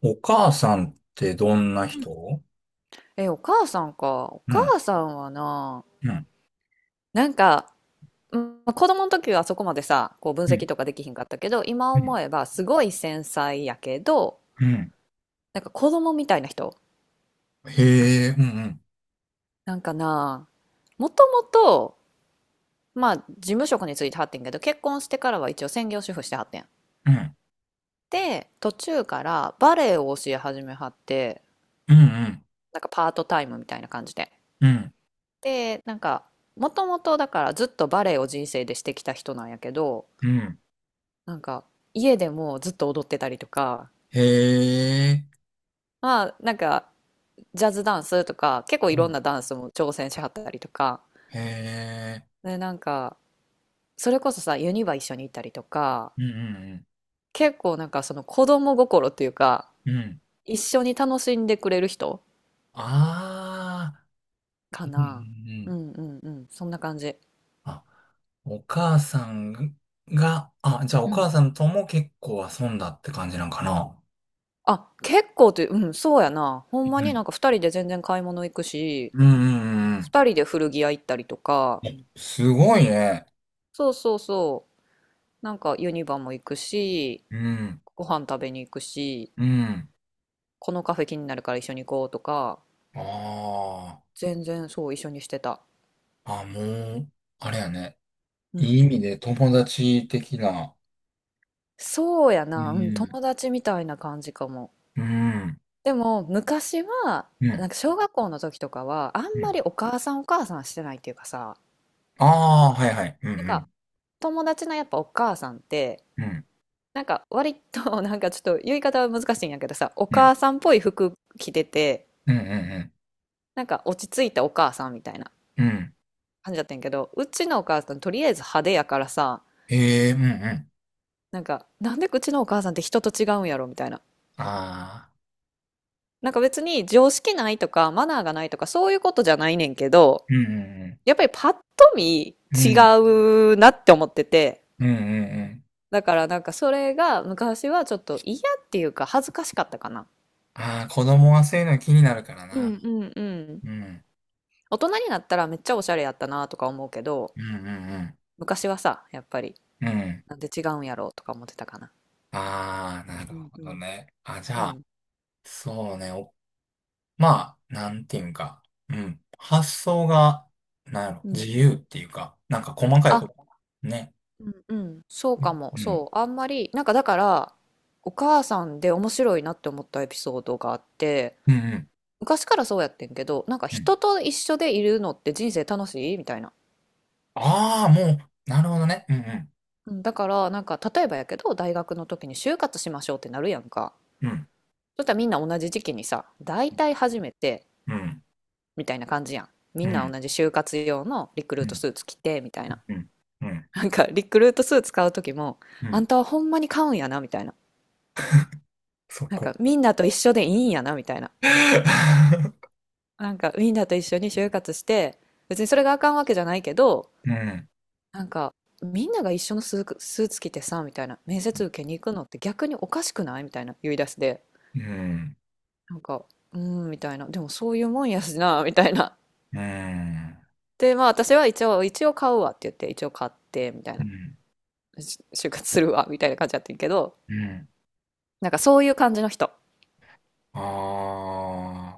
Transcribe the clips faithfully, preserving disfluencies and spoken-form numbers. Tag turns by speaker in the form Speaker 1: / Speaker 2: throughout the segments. Speaker 1: お母さんってどんな
Speaker 2: うん。
Speaker 1: 人？
Speaker 2: え、お母さんか。お
Speaker 1: うん、
Speaker 2: 母さんはな、
Speaker 1: うん、
Speaker 2: なんか、うん、まあ子供の時はそこまでさ、こう分
Speaker 1: う
Speaker 2: 析
Speaker 1: ん、
Speaker 2: とかできひんかったけど、今
Speaker 1: う
Speaker 2: 思
Speaker 1: ん、
Speaker 2: えばすごい繊細やけど、
Speaker 1: うん。
Speaker 2: なんか子供みたいな人。
Speaker 1: へえ、うん、うん、
Speaker 2: なんかな、もともと、まあ事務職に就いてはってんけど、結婚してからは一応専業主婦してはってん。
Speaker 1: うん、
Speaker 2: で、途中からバレエを教え始めはって、
Speaker 1: うん、
Speaker 2: なんかパートタイムみたいな感じで。
Speaker 1: うん、
Speaker 2: で、なんか、もともとだからずっとバレエを人生でしてきた人なんやけど、
Speaker 1: うん。
Speaker 2: なんか家でもずっと踊ってたりとか、
Speaker 1: へえ、
Speaker 2: まあなんかジャズダンスとか結構い
Speaker 1: う
Speaker 2: ろん
Speaker 1: ん、
Speaker 2: なダンスも挑戦しはったりとか、
Speaker 1: へえ、
Speaker 2: でなんかそれこそさユニバ一緒に行ったりとか、
Speaker 1: うん、
Speaker 2: 結構なんかその子供心っていうか
Speaker 1: うん、うん。うん
Speaker 2: 一緒に楽しんでくれる人
Speaker 1: ああ、
Speaker 2: か
Speaker 1: うん、う
Speaker 2: な。
Speaker 1: ん。う
Speaker 2: う
Speaker 1: ん
Speaker 2: んうんうん、そんな感じ。
Speaker 1: あ、お母さんが、あ、じゃあお
Speaker 2: う
Speaker 1: 母
Speaker 2: ん。
Speaker 1: さんとも結構遊んだって感じなんかな。
Speaker 2: あ、結構って、うん、そうやな。ほ
Speaker 1: う
Speaker 2: んまに
Speaker 1: ん、
Speaker 2: なんか二人で全然買い物行くし、
Speaker 1: うん、うん、うん。
Speaker 2: 二人で古着屋行ったりとか、
Speaker 1: うんすごいね。
Speaker 2: そうそうそう、なんかユニバも行くし、
Speaker 1: うん、
Speaker 2: ご飯食べに行くし、
Speaker 1: うん。
Speaker 2: このカフェ気になるから一緒に行こうとか、
Speaker 1: ああ。
Speaker 2: 全然そう一緒にしてた。
Speaker 1: あ、もう、あれやね。
Speaker 2: う
Speaker 1: いい
Speaker 2: ん。
Speaker 1: 意味で友達的な。
Speaker 2: そうや
Speaker 1: う
Speaker 2: な、うん、
Speaker 1: ん。
Speaker 2: 友達みたいな感じかも。
Speaker 1: うん、
Speaker 2: でも昔は、
Speaker 1: う
Speaker 2: な
Speaker 1: ん、
Speaker 2: んか小学校の時とかは、あ
Speaker 1: う
Speaker 2: んま
Speaker 1: ん。
Speaker 2: りお母さんお母さんしてないっていうかさ、
Speaker 1: ああ、はいはい。う
Speaker 2: なんか
Speaker 1: ん、
Speaker 2: 友達のやっぱお母さんって、
Speaker 1: うん、
Speaker 2: なんか割と なんかちょっと言い方は難しいんやけどさ、お
Speaker 1: うん、
Speaker 2: 母さんっぽい服着てて、
Speaker 1: うん、うん、
Speaker 2: なんか落ち着いたお母さんみたいな
Speaker 1: うん、うん。うん
Speaker 2: 感じだったんやけど、うちのお母さんとりあえず派手やからさ、
Speaker 1: ええ、うん、うん。
Speaker 2: なんか、なんでうちのお母さんって人と違うんやろみたいな。
Speaker 1: ああ、
Speaker 2: なんか別に常識ないとかマナーがないとかそういうことじゃないねんけど、
Speaker 1: うん、
Speaker 2: やっぱりパッと見
Speaker 1: うん、
Speaker 2: 違
Speaker 1: うん、
Speaker 2: うなって思ってて、
Speaker 1: うん、うん、うん。うん
Speaker 2: だからなんかそれが昔はちょっと嫌っていうか恥ずかしかったかな。
Speaker 1: ああ、子供はそういうの気になるから
Speaker 2: う
Speaker 1: な。
Speaker 2: んうんうん。
Speaker 1: うん、
Speaker 2: 大人になったらめっちゃおしゃれやったなとか思うけど、
Speaker 1: うん、うん、
Speaker 2: 昔はさ、やっぱり
Speaker 1: うん、うん。
Speaker 2: なんで違うんやろうとか思ってたかな。
Speaker 1: ああ、なる
Speaker 2: うん
Speaker 1: ほ
Speaker 2: う
Speaker 1: ど
Speaker 2: ん。
Speaker 1: ね。あ、じ
Speaker 2: う
Speaker 1: ゃあ、
Speaker 2: ん
Speaker 1: そうね。まあ、なんていうんか、うん。発想が、なんやろ、
Speaker 2: う
Speaker 1: 自
Speaker 2: んう
Speaker 1: 由っ
Speaker 2: ん。
Speaker 1: ていうか、なんか細かいこと。ね。
Speaker 2: うんうん、そう
Speaker 1: う
Speaker 2: かも、
Speaker 1: ん。
Speaker 2: そう、あんまり、なんかだから、お母さんで面白いなって思ったエピソードがあって、
Speaker 1: うん。うん。
Speaker 2: 昔からそうやってんけど、なんか
Speaker 1: うん。
Speaker 2: 人と一緒でいるのって人生楽しいみたいな。
Speaker 1: ああ、もう、なるほどね。うん。
Speaker 2: うん、だから、なんか例えばやけど、大学の時に就活しましょうってなるやんか。
Speaker 1: うん。
Speaker 2: そしたらみんな同じ時期にさ、大体初めて
Speaker 1: うん。
Speaker 2: みたいな感じやん。み
Speaker 1: う
Speaker 2: んな
Speaker 1: ん。
Speaker 2: 同じ就活用のリクル
Speaker 1: う
Speaker 2: ート
Speaker 1: ん。
Speaker 2: スーツ着てみたいな。
Speaker 1: うん。うん。
Speaker 2: なんかリクルートスーツ買う時も、
Speaker 1: う
Speaker 2: あ
Speaker 1: ん。
Speaker 2: んたはほんまに買うんやなみたいな。
Speaker 1: そ
Speaker 2: なん
Speaker 1: こ。
Speaker 2: かみんなと一緒でいいんやなみたいな。なんかウィンダーと一緒に就活して、別にそれがあかんわけじゃないけど、
Speaker 1: うん。
Speaker 2: なんかみんなが一緒のスーツ、スーツ着てさ、みたいな、面接受けに行くのって逆におかしくないみたいな言い出しで、
Speaker 1: うん。
Speaker 2: なんか、うーん、みたいな、でもそういうもんやしな、みたいな。
Speaker 1: うん。
Speaker 2: で、まあ私は一応、一応買うわって言って、一応買って、みたい
Speaker 1: う
Speaker 2: な、
Speaker 1: ん。
Speaker 2: し就活するわ、みたいな感じだったけど、
Speaker 1: うん。
Speaker 2: なんかそういう感じの人。
Speaker 1: あ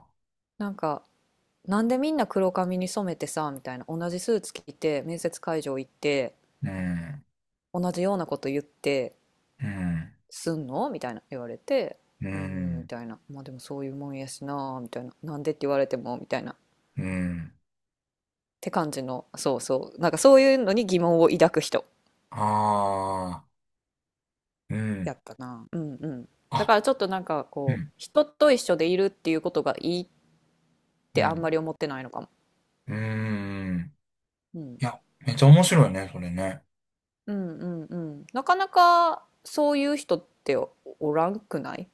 Speaker 1: あ。
Speaker 2: なんか、なんでみんな黒髪に染めてさ、みたいな、同じスーツ着て、面接会場行って、
Speaker 1: うん。
Speaker 2: 同じようなこと言って、
Speaker 1: うん。
Speaker 2: すんのみたいな言われて、
Speaker 1: う
Speaker 2: うーん、み
Speaker 1: ん。
Speaker 2: たいな。まあでもそういうもんやしな、みたいな。なんでって言われても、みたいな。っ
Speaker 1: うん。
Speaker 2: て感じの、そうそう。なんかそういうのに疑問を抱く人
Speaker 1: ああ。うん。
Speaker 2: やったな。うんうん。だ
Speaker 1: あ、
Speaker 2: からちょっとなんか
Speaker 1: う
Speaker 2: こう、
Speaker 1: ん。
Speaker 2: 人と一緒でいるっていうことがいいっ
Speaker 1: う
Speaker 2: てあんま
Speaker 1: ん
Speaker 2: り思ってないのかも。
Speaker 1: うーん。
Speaker 2: うん。
Speaker 1: いや、めっちゃ面白いね、それね。
Speaker 2: うんうんうん。なかなかそういう人っておらんくない？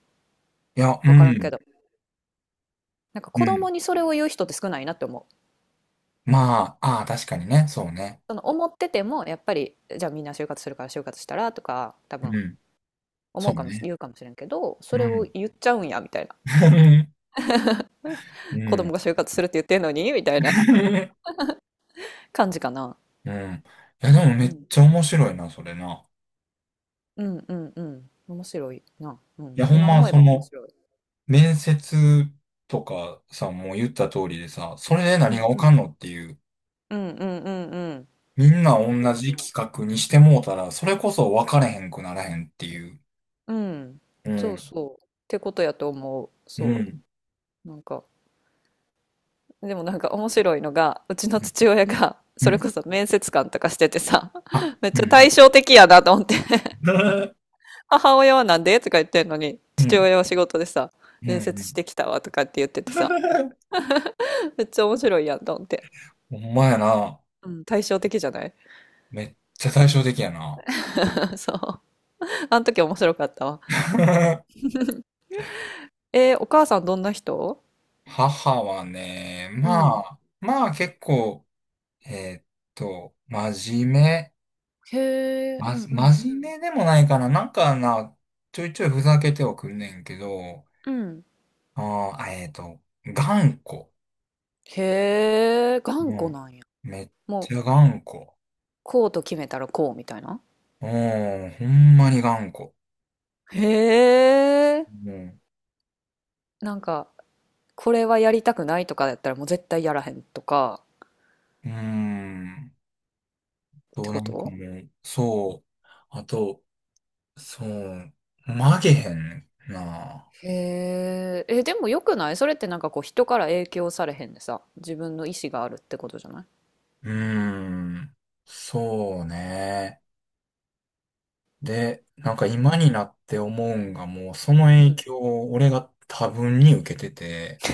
Speaker 1: いや、う
Speaker 2: わからんけ
Speaker 1: ん。
Speaker 2: ど。なんか
Speaker 1: う
Speaker 2: 子
Speaker 1: ん。
Speaker 2: 供にそれを言う人って少ないなって思う。
Speaker 1: まあ、ああ、確かにね、そうね。
Speaker 2: その思っててもやっぱりじゃあみんな就活するから就活したらとか多
Speaker 1: う
Speaker 2: 分
Speaker 1: ん。そ
Speaker 2: 思
Speaker 1: う
Speaker 2: うかもし、
Speaker 1: ね。
Speaker 2: 言うかもしれんけど、
Speaker 1: う
Speaker 2: それを
Speaker 1: ん。
Speaker 2: 言っちゃうんや、みたいな。
Speaker 1: う
Speaker 2: 子供
Speaker 1: ん。
Speaker 2: が就活するって言ってんのに、みたいな 感じかな。
Speaker 1: うん。いや、
Speaker 2: う
Speaker 1: でも
Speaker 2: ん
Speaker 1: め
Speaker 2: う
Speaker 1: っ
Speaker 2: ん。
Speaker 1: ちゃ面白いな、それな。
Speaker 2: うんうんうん。面白いな。う
Speaker 1: い
Speaker 2: ん。
Speaker 1: や、ほん
Speaker 2: 今
Speaker 1: ま、
Speaker 2: 思え
Speaker 1: そ
Speaker 2: ば面
Speaker 1: の、
Speaker 2: 白い。
Speaker 1: 面接とかさ、もう言った通りでさ、それで
Speaker 2: う
Speaker 1: 何が
Speaker 2: ん
Speaker 1: わ
Speaker 2: う
Speaker 1: か
Speaker 2: ん。
Speaker 1: んのっていう、
Speaker 2: うんうんうんうん。
Speaker 1: みんな同
Speaker 2: そう
Speaker 1: じ
Speaker 2: そ
Speaker 1: 企画にしてもうたら、それこそ分かれへんくならへんっていう。
Speaker 2: う。うん。
Speaker 1: う
Speaker 2: そう
Speaker 1: ん。
Speaker 2: そう。ってことやと思う。
Speaker 1: う
Speaker 2: そ
Speaker 1: ん。
Speaker 2: う。なんか、でもなんか面白いのが、うちの
Speaker 1: うん。
Speaker 2: 父親が、そ
Speaker 1: う
Speaker 2: れ
Speaker 1: ん
Speaker 2: こそ面接官とかしててさ、
Speaker 1: あ、
Speaker 2: めっ
Speaker 1: う
Speaker 2: ち
Speaker 1: ん。
Speaker 2: ゃ
Speaker 1: う
Speaker 2: 対
Speaker 1: ん
Speaker 2: 照的やなと思って。母親はなんでとか言ってんのに、
Speaker 1: う
Speaker 2: 父
Speaker 1: ん。
Speaker 2: 親は仕事でさ、
Speaker 1: うん。
Speaker 2: 面
Speaker 1: う
Speaker 2: 接し
Speaker 1: ん。
Speaker 2: てきたわとかって言っててさ、めっちゃ面白いやんと思って。
Speaker 1: ほんまやな。
Speaker 2: うん、対照的じゃない？
Speaker 1: めっちゃ対照的やな。
Speaker 2: そう。あの時面白かったわ。えー、お母さんどんな人？
Speaker 1: 母はね、
Speaker 2: う
Speaker 1: ま
Speaker 2: ん。
Speaker 1: あ、まあ結構、えーっと、真面目。
Speaker 2: へえ、う
Speaker 1: ま、
Speaker 2: んうんう
Speaker 1: 真面
Speaker 2: ん。
Speaker 1: 目でもないかな。なんかな、ちょいちょいふざけてはくんねんけど、
Speaker 2: うん。
Speaker 1: あー、あえーっと、頑固。
Speaker 2: へえ、
Speaker 1: う
Speaker 2: 頑固
Speaker 1: ん。
Speaker 2: なんや。
Speaker 1: めっ
Speaker 2: も
Speaker 1: ち
Speaker 2: う、
Speaker 1: ゃ頑固。
Speaker 2: こうと決めたらこうみたいな。
Speaker 1: うん、ほんまに頑固。
Speaker 2: へえ、
Speaker 1: うん。
Speaker 2: なんか、これはやりたくないとかやったらもう絶対やらへんとか
Speaker 1: うーん。
Speaker 2: って
Speaker 1: と、な
Speaker 2: こ
Speaker 1: んか
Speaker 2: と？
Speaker 1: もう、そう。あと、そう、曲げへんな。
Speaker 2: へえ、え、でもよくない、それって？なんかこう人から影響されへんでさ、自分の意思があるってことじゃない？
Speaker 1: うーん、そうね。で、なんか今になって思うんが、もうその
Speaker 2: う
Speaker 1: 影
Speaker 2: ん。
Speaker 1: 響を俺が多分に受けてて、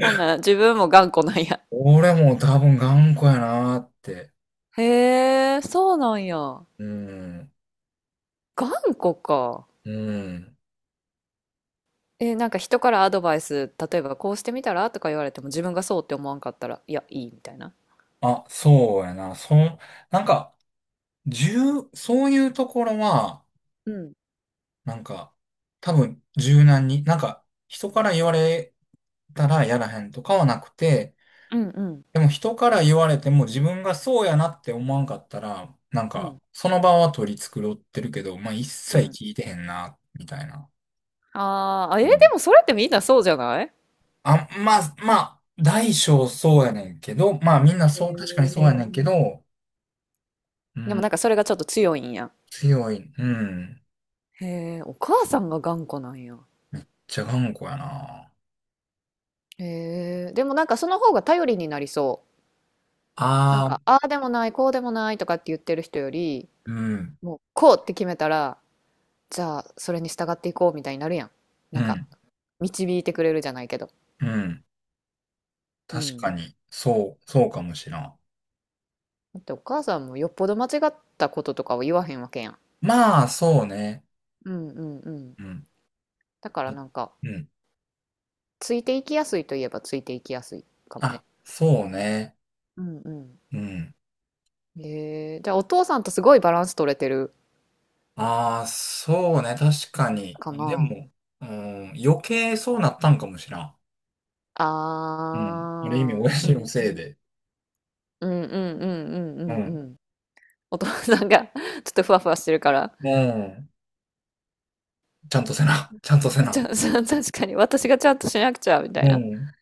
Speaker 2: ほんなら自分も頑固なんや。
Speaker 1: 俺も多分頑固やなーって。
Speaker 2: へえ、そうなんや。
Speaker 1: うん、
Speaker 2: 頑固か。
Speaker 1: うん。
Speaker 2: え、なんか人からアドバイス、例えばこうしてみたらとか言われても自分がそうって思わんかったら、いや、いいみたいな。
Speaker 1: あ、そうやな。その、なんか、重、そういうところは、
Speaker 2: うん。
Speaker 1: なんか、多分柔軟に、なんか、人から言われたらやらへんとかはなくて、
Speaker 2: うんうん
Speaker 1: でも人から言われても自分がそうやなって思わんかったら、なん
Speaker 2: う
Speaker 1: か、
Speaker 2: ん
Speaker 1: その場は取り繕ってるけど、まあ一
Speaker 2: うん。
Speaker 1: 切聞いてへんな、みたいな。
Speaker 2: あーあ、え、
Speaker 1: う
Speaker 2: で
Speaker 1: ん。
Speaker 2: もそれってみんなそうじゃない？
Speaker 1: あ、まあ、まあ、大小そうやねんけど、まあみんな
Speaker 2: へ
Speaker 1: そう、確かに
Speaker 2: え。
Speaker 1: そう
Speaker 2: へえ。
Speaker 1: やねんけど、う
Speaker 2: でも
Speaker 1: ん、
Speaker 2: なんかそれがちょっと強いんや。
Speaker 1: 強い、うん、
Speaker 2: へえ、お母さんが頑固なんや。
Speaker 1: じゃがんこやな。
Speaker 2: へえ、でもなんかその方が頼りになりそう。なん
Speaker 1: あ
Speaker 2: か、
Speaker 1: あ、
Speaker 2: ああでもない、こうでもないとかって言ってる人より、
Speaker 1: うん、
Speaker 2: もうこうって決めたら、じゃあそれに従っていこうみたいになるやん。
Speaker 1: う
Speaker 2: なんか、
Speaker 1: ん、
Speaker 2: 導いてくれるじゃないけど。
Speaker 1: うん、
Speaker 2: う
Speaker 1: 確
Speaker 2: ん。
Speaker 1: かに、そう、そうかもしらん。
Speaker 2: だってお母さんもよっぽど間違ったこととかを言わへんわけやん。
Speaker 1: まあ、そうね。
Speaker 2: うんうんうん。
Speaker 1: うん、
Speaker 2: だからなんか、
Speaker 1: うん、
Speaker 2: ついていきやすいといえばついていきやすいかもね。
Speaker 1: あ、そうね。
Speaker 2: うんう
Speaker 1: うん。
Speaker 2: ん。へえ、じゃあお父さんとすごいバランス取れてる
Speaker 1: ああ、そうね、確かに。
Speaker 2: か
Speaker 1: で
Speaker 2: な。
Speaker 1: も、うん、余計そうなったんかもしらん。
Speaker 2: あ
Speaker 1: うん。ある意味、
Speaker 2: あ、
Speaker 1: 親
Speaker 2: う
Speaker 1: 父の
Speaker 2: んう
Speaker 1: せい
Speaker 2: ん。
Speaker 1: で。
Speaker 2: うんうんうんう
Speaker 1: う
Speaker 2: んうん
Speaker 1: ん。
Speaker 2: うん。お父さんが ちょっとふわふわしてるから。
Speaker 1: うん。ちゃんとせな。ちゃんとせ
Speaker 2: ち
Speaker 1: な。
Speaker 2: ゃ、そう、確かに私がちゃんとしなくちゃみた
Speaker 1: う
Speaker 2: いな。
Speaker 1: ん。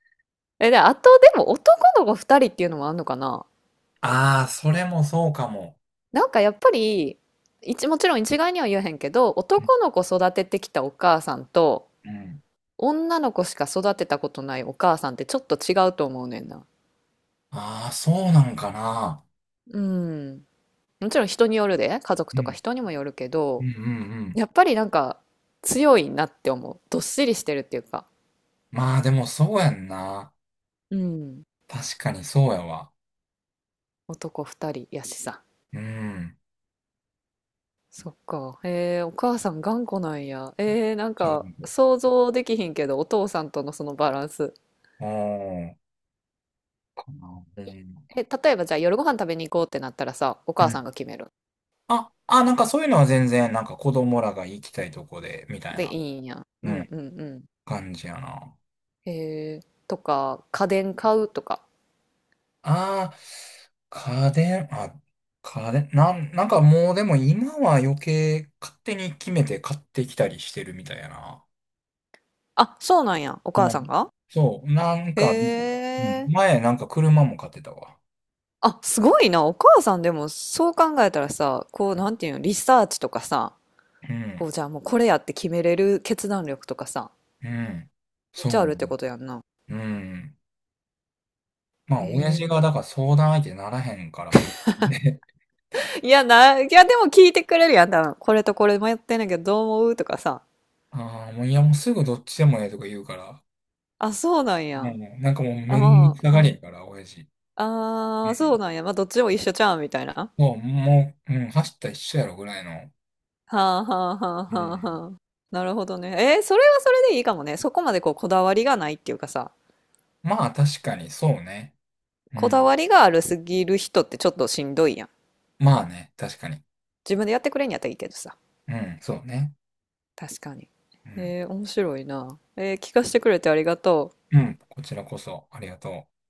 Speaker 2: え、で、あとでも男の子ふたりっていうのもあんのかな？
Speaker 1: ああ、それもそうかも。
Speaker 2: なんかやっぱり、一、もちろん一概には言えへんけど、
Speaker 1: うん
Speaker 2: 男の子育ててきたお母さんと、
Speaker 1: うん。
Speaker 2: 女の子しか育てたことないお母さんってちょっと違うと思うねんな。
Speaker 1: ああー、そうなんかな。
Speaker 2: うん。もちろん人によるで、家族
Speaker 1: う
Speaker 2: とか
Speaker 1: ん。
Speaker 2: 人にもよるけ
Speaker 1: うん
Speaker 2: ど、
Speaker 1: うんうん。
Speaker 2: やっぱりなんか強いなって思う。どっしりしてるっていうか。
Speaker 1: まあ、でもそうやんな。
Speaker 2: うん。
Speaker 1: 確かにそうやわ。
Speaker 2: 男二人やしさ。
Speaker 1: うん。
Speaker 2: そっか。ええ、お母さん頑固なんや。えー、なん
Speaker 1: 違
Speaker 2: か
Speaker 1: う。
Speaker 2: 想像できひんけど、お父さんとのそのバランス。
Speaker 1: うん。かな。う
Speaker 2: え、例えばじゃあ夜ご飯食べに行こうってなったらさ、お母さんが
Speaker 1: ん。
Speaker 2: 決める？
Speaker 1: あ、あ、なんかそういうのは全然、なんか子供らが行きたいとこで、みたい
Speaker 2: で、い
Speaker 1: な、
Speaker 2: いんや。う
Speaker 1: う
Speaker 2: ん
Speaker 1: ん、
Speaker 2: うんうん。
Speaker 1: 感じやな。
Speaker 2: へえ、とか、家電買うとか。
Speaker 1: ああ、家電、あ、家電、なん、なんかもうでも今は余計勝手に決めて買ってきたりしてるみたいやな。
Speaker 2: あ、そうなんや。お
Speaker 1: う
Speaker 2: 母さん
Speaker 1: ん。
Speaker 2: が？
Speaker 1: そう、なんか、
Speaker 2: へ
Speaker 1: うん、
Speaker 2: え。
Speaker 1: 前なんか車も買ってたわ。
Speaker 2: あ、すごいな。お母さんでもそう考えたらさ、こう、なんていうの、リサーチとかさ、
Speaker 1: う
Speaker 2: こ
Speaker 1: ん、
Speaker 2: う、じゃあもうこれやって決めれる決断力とかさ、
Speaker 1: うん、
Speaker 2: めっ
Speaker 1: そ
Speaker 2: ちゃあ
Speaker 1: う
Speaker 2: るって
Speaker 1: ね。
Speaker 2: ことやんな。
Speaker 1: うん。まあ、
Speaker 2: へ
Speaker 1: 親父がだ
Speaker 2: え。
Speaker 1: から相談相手ならへんからもう、
Speaker 2: いやな、いやでも聞いてくれるやん、多分。これとこれ迷ってんねんけど、どう思うとかさ。
Speaker 1: ああ、もういやもうすぐどっちでもええとか言うから、
Speaker 2: あ、そうなん
Speaker 1: も
Speaker 2: や。
Speaker 1: う、なんかもう
Speaker 2: あ、
Speaker 1: めんど
Speaker 2: ま
Speaker 1: くさ
Speaker 2: あ、
Speaker 1: がり
Speaker 2: うん。
Speaker 1: やから、親父。う
Speaker 2: ああ、そう
Speaker 1: ん。
Speaker 2: なんや。まあ、どっちも一緒ちゃうんみたいな。
Speaker 1: そう、もう、うん、走ったら一緒やろぐらいの。
Speaker 2: はあ、はあ、はあ、
Speaker 1: う
Speaker 2: はあ、
Speaker 1: ん。
Speaker 2: はあ。なるほどね。えー、それはそれでいいかもね。そこまでこう、こだわりがないっていうかさ、
Speaker 1: まあ、確かに、そうね。う
Speaker 2: こだ
Speaker 1: ん。
Speaker 2: わりがあるすぎる人ってちょっとしんどいやん。
Speaker 1: まあね、確かに。
Speaker 2: 自分でやってくれんやったらいいけどさ。
Speaker 1: うん、そうね。
Speaker 2: 確かに。
Speaker 1: うん。
Speaker 2: えー面白いな。えー聞かせてくれてありがとう。
Speaker 1: うん、こちらこそ、ありがとう。